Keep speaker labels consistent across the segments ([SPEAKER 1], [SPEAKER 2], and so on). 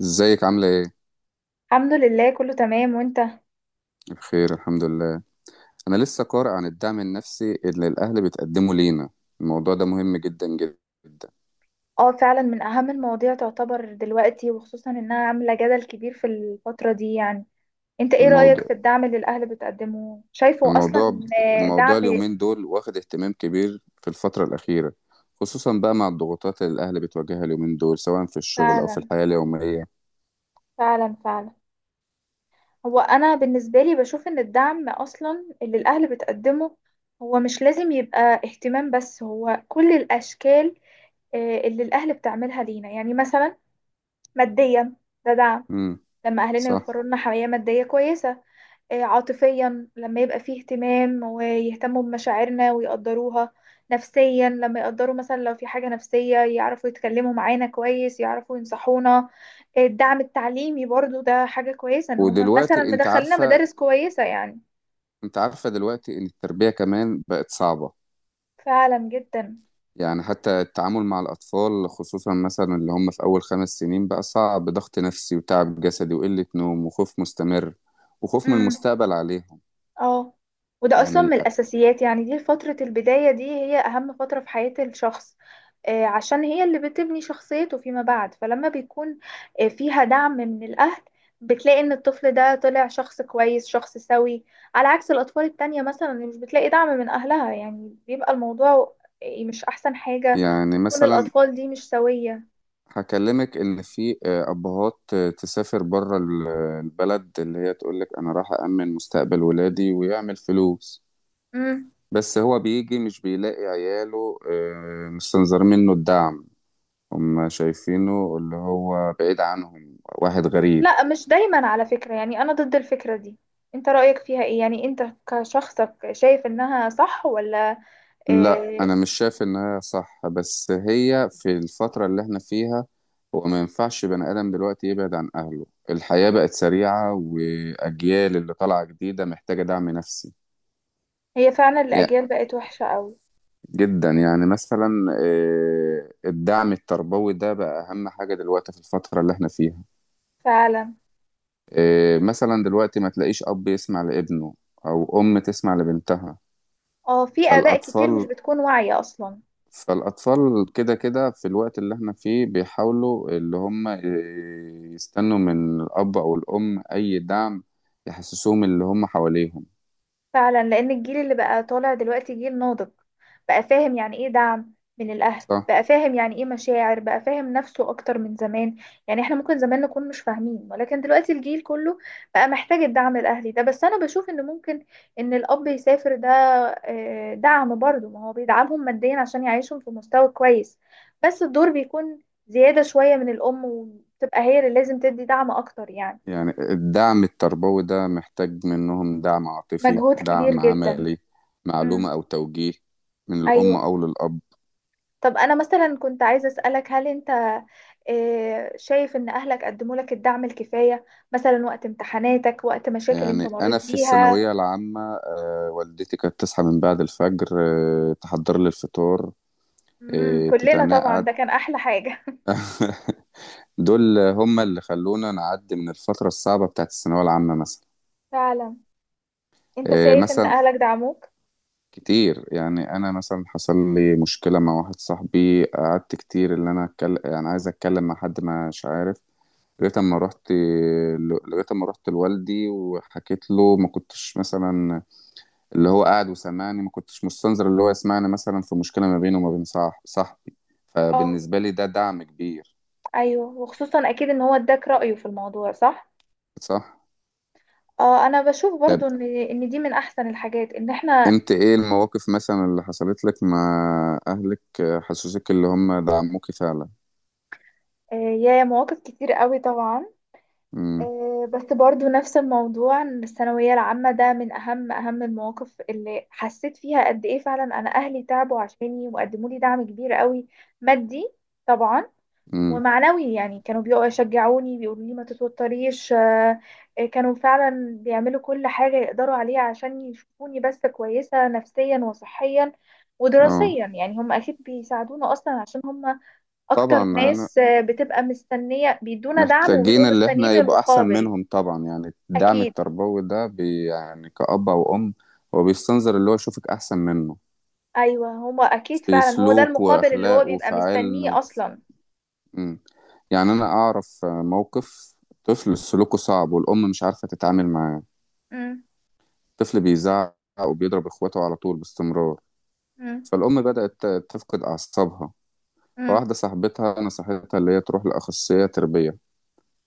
[SPEAKER 1] ازيك عاملة ايه؟
[SPEAKER 2] الحمد لله كله تمام وانت.
[SPEAKER 1] بخير الحمد لله. انا لسه قارئ عن الدعم النفسي اللي الاهل بتقدمه لينا. الموضوع ده مهم جدا جدا.
[SPEAKER 2] اه فعلا من اهم المواضيع تعتبر دلوقتي، وخصوصا انها عاملة جدل كبير في الفترة دي يعني. انت ايه رأيك
[SPEAKER 1] الموضوع
[SPEAKER 2] في الدعم اللي الاهل بتقدمه، شايفه
[SPEAKER 1] الموضوع
[SPEAKER 2] اصلا
[SPEAKER 1] الموضوع
[SPEAKER 2] دعم؟
[SPEAKER 1] اليومين دول واخد اهتمام كبير في الفترة الأخيرة، خصوصا بقى مع الضغوطات اللي الاهل بتواجهها اليومين دول سواء في الشغل او في
[SPEAKER 2] فعلا
[SPEAKER 1] الحياة اليومية.
[SPEAKER 2] فعلا فعلا. هو انا بالنسبة لي بشوف ان الدعم اصلا اللي الاهل بتقدمه هو مش لازم يبقى اهتمام بس، هو كل الاشكال اللي الاهل بتعملها لينا، يعني مثلا ماديا، ده دعم.
[SPEAKER 1] امم.
[SPEAKER 2] لما اهلنا
[SPEAKER 1] صح.
[SPEAKER 2] يوفروا لنا حماية مادية كويسة، عاطفيا لما يبقى فيه اهتمام ويهتموا بمشاعرنا ويقدروها، نفسيا لما يقدروا مثلا لو في حاجة نفسية يعرفوا يتكلموا معانا كويس يعرفوا ينصحونا، الدعم التعليمي برضو ده حاجة كويسة ان هم مثلا
[SPEAKER 1] ودلوقتي انت
[SPEAKER 2] مدخلنا
[SPEAKER 1] عارفة
[SPEAKER 2] مدارس كويسة يعني.
[SPEAKER 1] انت عارفة دلوقتي ان التربية كمان بقت صعبة.
[SPEAKER 2] فعلا جدا.
[SPEAKER 1] يعني حتى التعامل مع الأطفال خصوصا مثلا اللي هم في أول 5 سنين بقى صعب، ضغط نفسي وتعب جسدي وقلة نوم وخوف مستمر وخوف من
[SPEAKER 2] مم.
[SPEAKER 1] المستقبل عليهم.
[SPEAKER 2] اه، وده
[SPEAKER 1] يعني
[SPEAKER 2] اصلا من الاساسيات، يعني دي فترة البداية، دي هي اهم فترة في حياة الشخص، عشان هي اللي بتبني شخصيته فيما بعد، فلما بيكون فيها دعم من الاهل، بتلاقي ان الطفل ده طلع شخص كويس شخص سوي، على عكس الاطفال التانية مثلا اللي مش بتلاقي دعم من اهلها، يعني بيبقى الموضوع مش احسن حاجة،
[SPEAKER 1] يعني
[SPEAKER 2] وتكون
[SPEAKER 1] مثلا
[SPEAKER 2] الاطفال دي مش سوية.
[SPEAKER 1] هكلمك إن في أبهات تسافر بره البلد اللي هي تقولك أنا راح أأمن مستقبل ولادي ويعمل فلوس.
[SPEAKER 2] مم.
[SPEAKER 1] بس هو بيجي مش بيلاقي عياله مستنظرين منه الدعم، هم شايفينه اللي هو بعيد عنهم واحد غريب.
[SPEAKER 2] لا مش دايما على فكرة، يعني أنا ضد الفكرة دي. أنت رأيك فيها إيه؟ يعني أنت كشخصك شايف إنها صح ولا
[SPEAKER 1] لا
[SPEAKER 2] إيه؟
[SPEAKER 1] انا مش شايف انها صح، بس هي في الفترة اللي احنا فيها هو ما ينفعش بني ادم دلوقتي يبعد عن اهله. الحياة بقت سريعة واجيال اللي طالعة جديدة محتاجة دعم نفسي.
[SPEAKER 2] هي فعلا
[SPEAKER 1] يعني
[SPEAKER 2] الأجيال بقت وحشة أوي.
[SPEAKER 1] جدا، يعني مثلا الدعم التربوي ده بقى اهم حاجة دلوقتي في الفترة اللي احنا فيها.
[SPEAKER 2] فعلا.
[SPEAKER 1] مثلا دلوقتي ما تلاقيش اب يسمع لابنه او ام تسمع لبنتها.
[SPEAKER 2] اه في آباء كتير مش
[SPEAKER 1] فالاطفال
[SPEAKER 2] بتكون واعية أصلا.
[SPEAKER 1] فالأطفال كده كده في الوقت اللي احنا فيه بيحاولوا اللي هم يستنوا من الأب أو الأم أي دعم يحسسوهم اللي هم حواليهم.
[SPEAKER 2] فعلا، لان الجيل اللي بقى طالع دلوقتي جيل ناضج، بقى فاهم يعني ايه دعم من الاهل،
[SPEAKER 1] صح؟
[SPEAKER 2] بقى فاهم يعني ايه مشاعر، بقى فاهم نفسه اكتر من زمان. يعني احنا ممكن زمان نكون مش فاهمين، ولكن دلوقتي الجيل كله بقى محتاج الدعم الاهلي ده. بس انا بشوف ان ممكن ان الاب يسافر ده دعم برضه، ما هو بيدعمهم ماديا عشان يعيشهم في مستوى كويس، بس الدور بيكون زيادة شوية من الام، وتبقى هي اللي لازم تدي دعم اكتر يعني
[SPEAKER 1] يعني الدعم التربوي ده محتاج منهم دعم عاطفي،
[SPEAKER 2] مجهود كبير
[SPEAKER 1] دعم
[SPEAKER 2] جدا.
[SPEAKER 1] عملي،
[SPEAKER 2] امم.
[SPEAKER 1] معلومة أو توجيه من الأم
[SPEAKER 2] ايوه.
[SPEAKER 1] أو للأب.
[SPEAKER 2] طب انا مثلا كنت عايزه اسالك، هل انت شايف ان اهلك قدموا لك الدعم الكفايه، مثلا وقت امتحاناتك وقت مشاكل انت
[SPEAKER 1] يعني أنا
[SPEAKER 2] مريت
[SPEAKER 1] في
[SPEAKER 2] بيها؟
[SPEAKER 1] الثانوية العامة والدتي كانت تصحى من بعد الفجر، تحضر لي الفطار،
[SPEAKER 2] امم، كلنا طبعا
[SPEAKER 1] تتنقع.
[SPEAKER 2] ده كان احلى حاجه.
[SPEAKER 1] دول هم اللي خلونا نعدي من الفترة الصعبة بتاعت الثانوية العامة مثلا.
[SPEAKER 2] فعلا. انت
[SPEAKER 1] إيه
[SPEAKER 2] شايف ان
[SPEAKER 1] مثلا
[SPEAKER 2] اهلك دعموك؟
[SPEAKER 1] كتير، يعني أنا مثلا حصل لي مشكلة مع واحد صاحبي. قعدت كتير اللي أنا أتكلم، يعني عايز أتكلم مع حد مش عارف، لغاية أما رحت لغاية أما رحت لوالدي وحكيت له. ما كنتش مثلا اللي هو قاعد وسمعني، ما كنتش مستنظر اللي هو يسمعني مثلا في مشكلة ما بينه وما بين صاحبي.
[SPEAKER 2] اه،
[SPEAKER 1] فبالنسبة لي ده دعم كبير.
[SPEAKER 2] ايوه، وخصوصا اكيد ان هو اداك رايه في الموضوع صح.
[SPEAKER 1] صح؟
[SPEAKER 2] اه، انا بشوف
[SPEAKER 1] ده
[SPEAKER 2] برضو ان ان دي من احسن الحاجات ان احنا
[SPEAKER 1] انت ايه المواقف مثلا اللي حصلت لك مع اهلك حسسوك اللي هم دعموكي فعلا؟
[SPEAKER 2] يا مواقف كتير قوي طبعا.
[SPEAKER 1] امم.
[SPEAKER 2] بس برضو نفس الموضوع إن الثانوية العامة ده من أهم أهم المواقف اللي حسيت فيها قد إيه فعلا أنا أهلي تعبوا عشاني وقدموا لي دعم كبير قوي. مادي طبعا،
[SPEAKER 1] امم.
[SPEAKER 2] ومعنوي، يعني كانوا بيقعدوا يشجعوني بيقولوا لي ما تتوتريش كانوا فعلا بيعملوا كل حاجة يقدروا عليها عشان يشوفوني بس كويسة نفسيا وصحيا
[SPEAKER 1] اه
[SPEAKER 2] ودراسيا. يعني هم أكيد بيساعدونا أصلا عشان هم
[SPEAKER 1] طبعا،
[SPEAKER 2] أكتر
[SPEAKER 1] انا
[SPEAKER 2] ناس بتبقى مستنية بيدونا دعم،
[SPEAKER 1] محتاجين
[SPEAKER 2] وبيبقوا
[SPEAKER 1] اللي احنا
[SPEAKER 2] مستنيين
[SPEAKER 1] يبقى احسن
[SPEAKER 2] المقابل.
[SPEAKER 1] منهم طبعا. يعني الدعم
[SPEAKER 2] اكيد.
[SPEAKER 1] التربوي ده بي يعني كأب او ام، هو بيستنظر اللي هو يشوفك احسن منه
[SPEAKER 2] ايوه هما اكيد
[SPEAKER 1] في
[SPEAKER 2] فعلا هو ده
[SPEAKER 1] سلوك
[SPEAKER 2] المقابل اللي هو
[SPEAKER 1] واخلاق
[SPEAKER 2] بيبقى
[SPEAKER 1] وفي علم
[SPEAKER 2] مستنيه
[SPEAKER 1] وفي...
[SPEAKER 2] اصلا.
[SPEAKER 1] مم. يعني انا اعرف موقف طفل سلوكه صعب والام مش عارفة تتعامل معاه.
[SPEAKER 2] امم.
[SPEAKER 1] طفل بيزعق وبيضرب اخواته على طول باستمرار.
[SPEAKER 2] امم.
[SPEAKER 1] فالأم بدأت تفقد أعصابها.
[SPEAKER 2] امم.
[SPEAKER 1] فواحدة صاحبتها نصحتها اللي هي تروح لأخصائية تربية،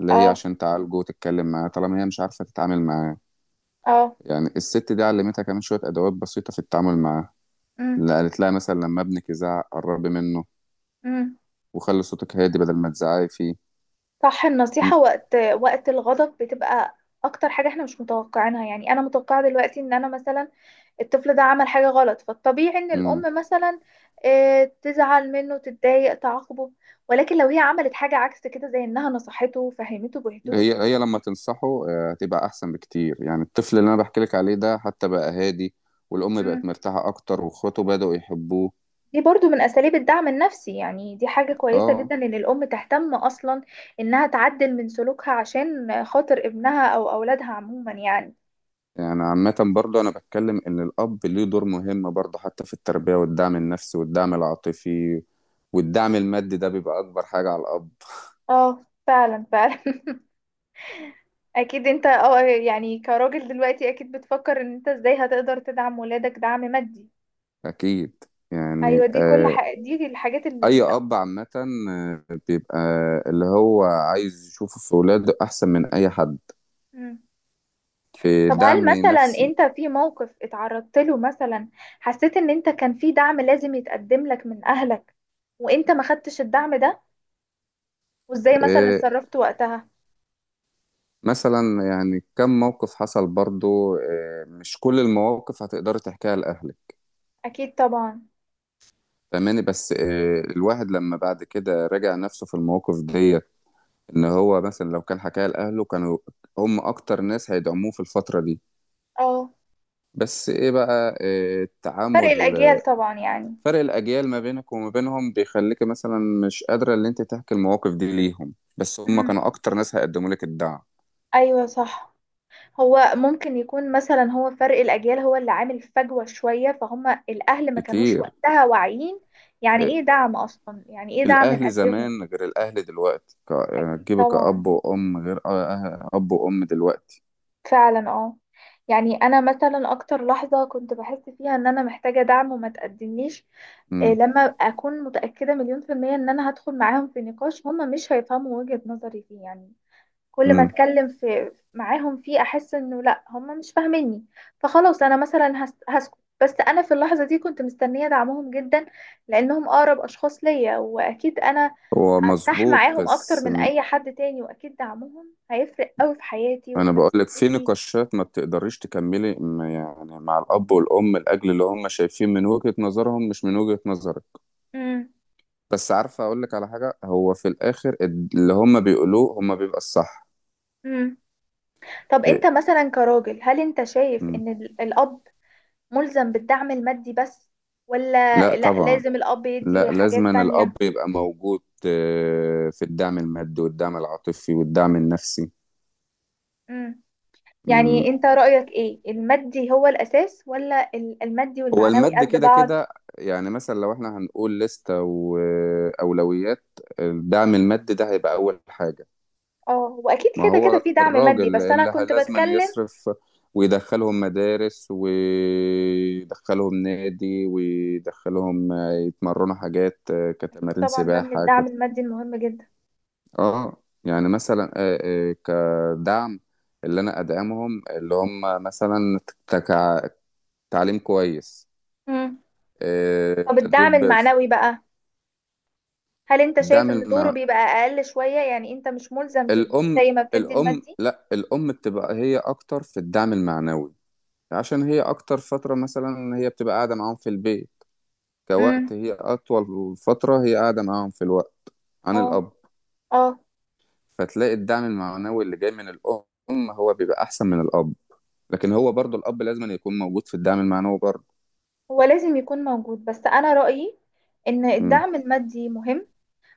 [SPEAKER 1] اللي هي
[SPEAKER 2] اه.
[SPEAKER 1] عشان تعالجه وتتكلم معاه طالما هي مش عارفة تتعامل معاه.
[SPEAKER 2] اه.
[SPEAKER 1] يعني الست دي علمتها كمان شوية أدوات بسيطة في التعامل معاه.
[SPEAKER 2] امم.
[SPEAKER 1] اللي قالت لها مثلا لما ابنك يزعق قربي منه
[SPEAKER 2] امم.
[SPEAKER 1] وخلي صوتك هادي بدل ما تزعقي فيه.
[SPEAKER 2] صح. النصيحه
[SPEAKER 1] م-
[SPEAKER 2] وقت الغضب بتبقى اكتر حاجه احنا مش متوقعينها، يعني انا متوقعه دلوقتي ان انا مثلا الطفل ده عمل حاجه غلط، فالطبيعي ان
[SPEAKER 1] م.
[SPEAKER 2] الام مثلا تزعل منه تتضايق تعاقبه، ولكن لو هي عملت حاجه عكس كده زي انها نصحته وفهمته بهدوء،
[SPEAKER 1] هي هي لما تنصحه هتبقى أحسن بكتير. يعني الطفل اللي أنا بحكي لك عليه ده حتى بقى هادي، والأم بقت مرتاحة أكتر، وإخواته بدأوا يحبوه.
[SPEAKER 2] دي برضو من أساليب الدعم النفسي. يعني دي حاجة كويسة
[SPEAKER 1] اه.
[SPEAKER 2] جدا إن الأم تهتم أصلا إنها تعدل من سلوكها عشان خاطر ابنها أو أولادها عموما يعني.
[SPEAKER 1] يعني عامة برضه أنا بتكلم إن الأب ليه دور مهم برضه حتى في التربية والدعم النفسي والدعم العاطفي، والدعم المادي ده بيبقى أكبر حاجة على الأب.
[SPEAKER 2] اه فعلا فعلا. أكيد. أنت اه يعني كراجل دلوقتي أكيد بتفكر إن أنت إزاي هتقدر تدعم ولادك دعم مادي.
[SPEAKER 1] أكيد.
[SPEAKER 2] أيوة
[SPEAKER 1] يعني
[SPEAKER 2] دي كل حاجة، دي الحاجات اللي
[SPEAKER 1] أي أب عامة بيبقى اللي هو عايز يشوفه في ولاده أحسن من أي حد
[SPEAKER 2] مم.
[SPEAKER 1] في
[SPEAKER 2] طب هل
[SPEAKER 1] دعم
[SPEAKER 2] مثلا
[SPEAKER 1] نفسي.
[SPEAKER 2] أنت في موقف اتعرضت له مثلا، حسيت إن أنت كان في دعم لازم يتقدم لك من أهلك وأنت ما خدتش الدعم ده، وازاي مثلا
[SPEAKER 1] آه
[SPEAKER 2] اتصرفت وقتها؟
[SPEAKER 1] مثلا يعني كم موقف حصل برضه، مش كل المواقف هتقدري تحكيها لأهلك.
[SPEAKER 2] اكيد طبعا.
[SPEAKER 1] فاهماني؟ بس الواحد لما بعد كده راجع نفسه في المواقف دي، ان هو مثلا لو كان حكاها لاهله كانوا هم اكتر ناس هيدعموه في الفتره دي.
[SPEAKER 2] اه
[SPEAKER 1] بس ايه بقى، إيه
[SPEAKER 2] فرق
[SPEAKER 1] التعامل،
[SPEAKER 2] الاجيال طبعا يعني.
[SPEAKER 1] فرق الاجيال ما بينك وما بينهم بيخليك مثلا مش قادره ان انت تحكي المواقف دي ليهم، بس هم
[SPEAKER 2] امم.
[SPEAKER 1] كانوا اكتر ناس هيقدموا لك الدعم.
[SPEAKER 2] ايوه صح. هو ممكن يكون مثلا هو فرق الاجيال هو اللي عامل فجوة شوية، فهم الاهل ما كانوش
[SPEAKER 1] كتير.
[SPEAKER 2] وقتها واعيين يعني ايه
[SPEAKER 1] إيه،
[SPEAKER 2] دعم اصلا، يعني ايه دعم
[SPEAKER 1] الاهل
[SPEAKER 2] نقدمه.
[SPEAKER 1] زمان غير الاهل دلوقتي،
[SPEAKER 2] اكيد
[SPEAKER 1] تجيبك
[SPEAKER 2] طبعا.
[SPEAKER 1] كأب وام غير اب وام دلوقتي.
[SPEAKER 2] فعلا اه. يعني انا مثلا اكتر لحظة كنت بحس فيها ان انا محتاجة دعم وما تقدمليش
[SPEAKER 1] امم.
[SPEAKER 2] لما اكون متأكدة مليون في المية ان انا هدخل معاهم في نقاش هما مش هيفهموا وجهة نظري فيه يعني. كل ما
[SPEAKER 1] امم.
[SPEAKER 2] اتكلم في معاهم فيه احس انه لا هم مش فاهميني، فخلاص انا مثلا هسكت، بس انا في اللحظه دي كنت مستنيه دعمهم جدا، لانهم اقرب اشخاص ليا، واكيد انا
[SPEAKER 1] هو
[SPEAKER 2] هرتاح
[SPEAKER 1] مظبوط،
[SPEAKER 2] معاهم اكتر
[SPEAKER 1] بس
[SPEAKER 2] من اي حد تاني، واكيد دعمهم هيفرق قوي في حياتي
[SPEAKER 1] انا
[SPEAKER 2] وفي
[SPEAKER 1] بقول لك في
[SPEAKER 2] نفسيتي.
[SPEAKER 1] نقاشات ما بتقدريش تكملي ما يعني مع الاب والام لاجل اللي هم شايفين من وجهة نظرهم مش من وجهة نظرك.
[SPEAKER 2] امم.
[SPEAKER 1] بس عارفه اقول لك على حاجه، هو في الاخر اللي هم بيقولوه هم بيبقى الصح.
[SPEAKER 2] امم. طب انت
[SPEAKER 1] إيه؟
[SPEAKER 2] مثلا كراجل، هل انت شايف
[SPEAKER 1] مم.
[SPEAKER 2] ان الاب ملزم بالدعم المادي بس،
[SPEAKER 1] لا
[SPEAKER 2] ولا لا
[SPEAKER 1] طبعا.
[SPEAKER 2] لازم الاب
[SPEAKER 1] لا
[SPEAKER 2] يدي
[SPEAKER 1] لازما
[SPEAKER 2] حاجات
[SPEAKER 1] الاب
[SPEAKER 2] تانية؟
[SPEAKER 1] يبقى موجود في الدعم المادي والدعم العاطفي والدعم النفسي.
[SPEAKER 2] يعني
[SPEAKER 1] مم.
[SPEAKER 2] انت رأيك ايه، المادي هو الأساس، ولا المادي
[SPEAKER 1] هو
[SPEAKER 2] والمعنوي
[SPEAKER 1] المادي
[SPEAKER 2] قد
[SPEAKER 1] كده
[SPEAKER 2] بعض؟
[SPEAKER 1] كده. يعني مثلا لو احنا هنقول لستة وأولويات، الدعم المادي ده هيبقى أول حاجة.
[SPEAKER 2] اه واكيد
[SPEAKER 1] ما
[SPEAKER 2] كده كده
[SPEAKER 1] هو
[SPEAKER 2] في دعم مادي،
[SPEAKER 1] الراجل
[SPEAKER 2] بس انا
[SPEAKER 1] اللي
[SPEAKER 2] كنت
[SPEAKER 1] لازما
[SPEAKER 2] بتكلم.
[SPEAKER 1] يصرف ويدخلهم مدارس ويدخلهم نادي ويدخلهم يتمرنوا حاجات
[SPEAKER 2] اكيد
[SPEAKER 1] كتمارين
[SPEAKER 2] طبعا ده من
[SPEAKER 1] سباحة
[SPEAKER 2] الدعم المادي المهم جدا.
[SPEAKER 1] اه. يعني مثلا كدعم اللي انا ادعمهم اللي هم مثلا تك- تعليم كويس،
[SPEAKER 2] مم. طب الدعم
[SPEAKER 1] تدريب
[SPEAKER 2] المعنوي بقى، هل انت شايف
[SPEAKER 1] الدعم
[SPEAKER 2] ان دوره
[SPEAKER 1] المع...
[SPEAKER 2] بيبقى اقل شوية، يعني انت مش ملزم تدي
[SPEAKER 1] الام
[SPEAKER 2] زي ما بتدي
[SPEAKER 1] الام
[SPEAKER 2] المادي؟
[SPEAKER 1] لا، الام بتبقى هي اكتر في الدعم المعنوي، عشان هي اكتر فترة مثلا هي بتبقى قاعدة معاهم في البيت،
[SPEAKER 2] امم.
[SPEAKER 1] كوقت هي اطول فترة هي قاعدة معاهم في الوقت عن
[SPEAKER 2] اه.
[SPEAKER 1] الاب.
[SPEAKER 2] اه.
[SPEAKER 1] فتلاقي الدعم المعنوي اللي جاي من الام هو بيبقى احسن من الاب، لكن هو برضو الاب لازم يكون موجود في الدعم المعنوي برضو.
[SPEAKER 2] هو لازم يكون موجود، بس انا رأيي ان
[SPEAKER 1] امم.
[SPEAKER 2] الدعم المادي مهم،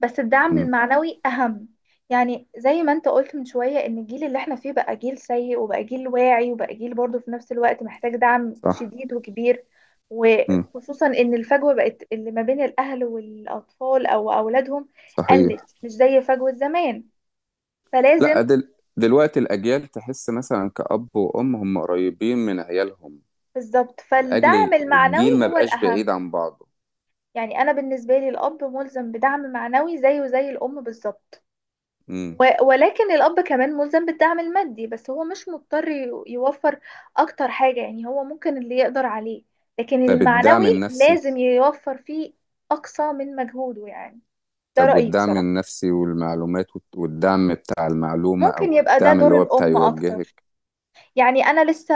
[SPEAKER 2] بس الدعم
[SPEAKER 1] امم.
[SPEAKER 2] المعنوي أهم. يعني زي ما انت قلت من شوية ان الجيل اللي احنا فيه بقى جيل سيء وبقى جيل واعي وبقى جيل برضه في نفس الوقت محتاج دعم
[SPEAKER 1] صح.
[SPEAKER 2] شديد وكبير،
[SPEAKER 1] امم.
[SPEAKER 2] وخصوصا ان الفجوة بقت اللي ما بين الاهل والاطفال او اولادهم
[SPEAKER 1] صحيح.
[SPEAKER 2] قلت مش زي فجوة زمان،
[SPEAKER 1] لا،
[SPEAKER 2] فلازم
[SPEAKER 1] دلوقتي الاجيال تحس مثلا كاب وام هم قريبين من عيالهم،
[SPEAKER 2] بالظبط.
[SPEAKER 1] لاجل
[SPEAKER 2] فالدعم
[SPEAKER 1] الجيل
[SPEAKER 2] المعنوي
[SPEAKER 1] ما
[SPEAKER 2] هو
[SPEAKER 1] بقاش بعيد
[SPEAKER 2] الأهم.
[SPEAKER 1] عن بعضه.
[SPEAKER 2] يعني انا بالنسبة لي الاب ملزم بدعم معنوي زيه زي الام بالظبط،
[SPEAKER 1] امم.
[SPEAKER 2] و- ولكن الأب كمان ملزم بالدعم المادي، بس هو مش مضطر يوفر أكتر حاجة، يعني هو ممكن اللي يقدر عليه، لكن
[SPEAKER 1] طب الدعم
[SPEAKER 2] المعنوي
[SPEAKER 1] النفسي،
[SPEAKER 2] لازم يوفر فيه أقصى من مجهوده يعني. ده
[SPEAKER 1] طب
[SPEAKER 2] رأيي
[SPEAKER 1] والدعم
[SPEAKER 2] بصراحة.
[SPEAKER 1] النفسي والمعلومات والدعم بتاع المعلومة
[SPEAKER 2] ممكن
[SPEAKER 1] أو
[SPEAKER 2] يبقى ده
[SPEAKER 1] الدعم اللي
[SPEAKER 2] دور
[SPEAKER 1] هو بتاع
[SPEAKER 2] الأم أكتر.
[SPEAKER 1] يوجهك.
[SPEAKER 2] يعني أنا لسه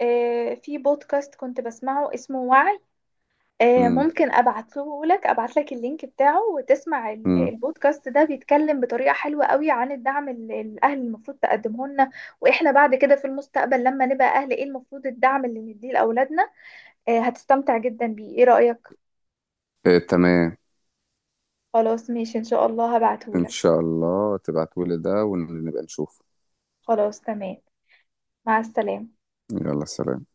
[SPEAKER 2] في بودكاست كنت بسمعه اسمه وعي،
[SPEAKER 1] مم.
[SPEAKER 2] ممكن ابعته لك ابعت لك اللينك بتاعه وتسمع
[SPEAKER 1] مم.
[SPEAKER 2] البودكاست ده، بيتكلم بطريقة حلوة قوي عن الدعم اللي الاهل المفروض تقدمه لنا، واحنا بعد كده في المستقبل لما نبقى اهل ايه المفروض الدعم اللي نديه لاولادنا. هتستمتع جدا بيه، ايه رأيك؟
[SPEAKER 1] إيه تمام.
[SPEAKER 2] خلاص ماشي ان شاء الله هبعته
[SPEAKER 1] إن
[SPEAKER 2] لك.
[SPEAKER 1] شاء الله تبعتولي ده ونبقى نشوف.
[SPEAKER 2] خلاص تمام. مع السلامة.
[SPEAKER 1] يلا سلام.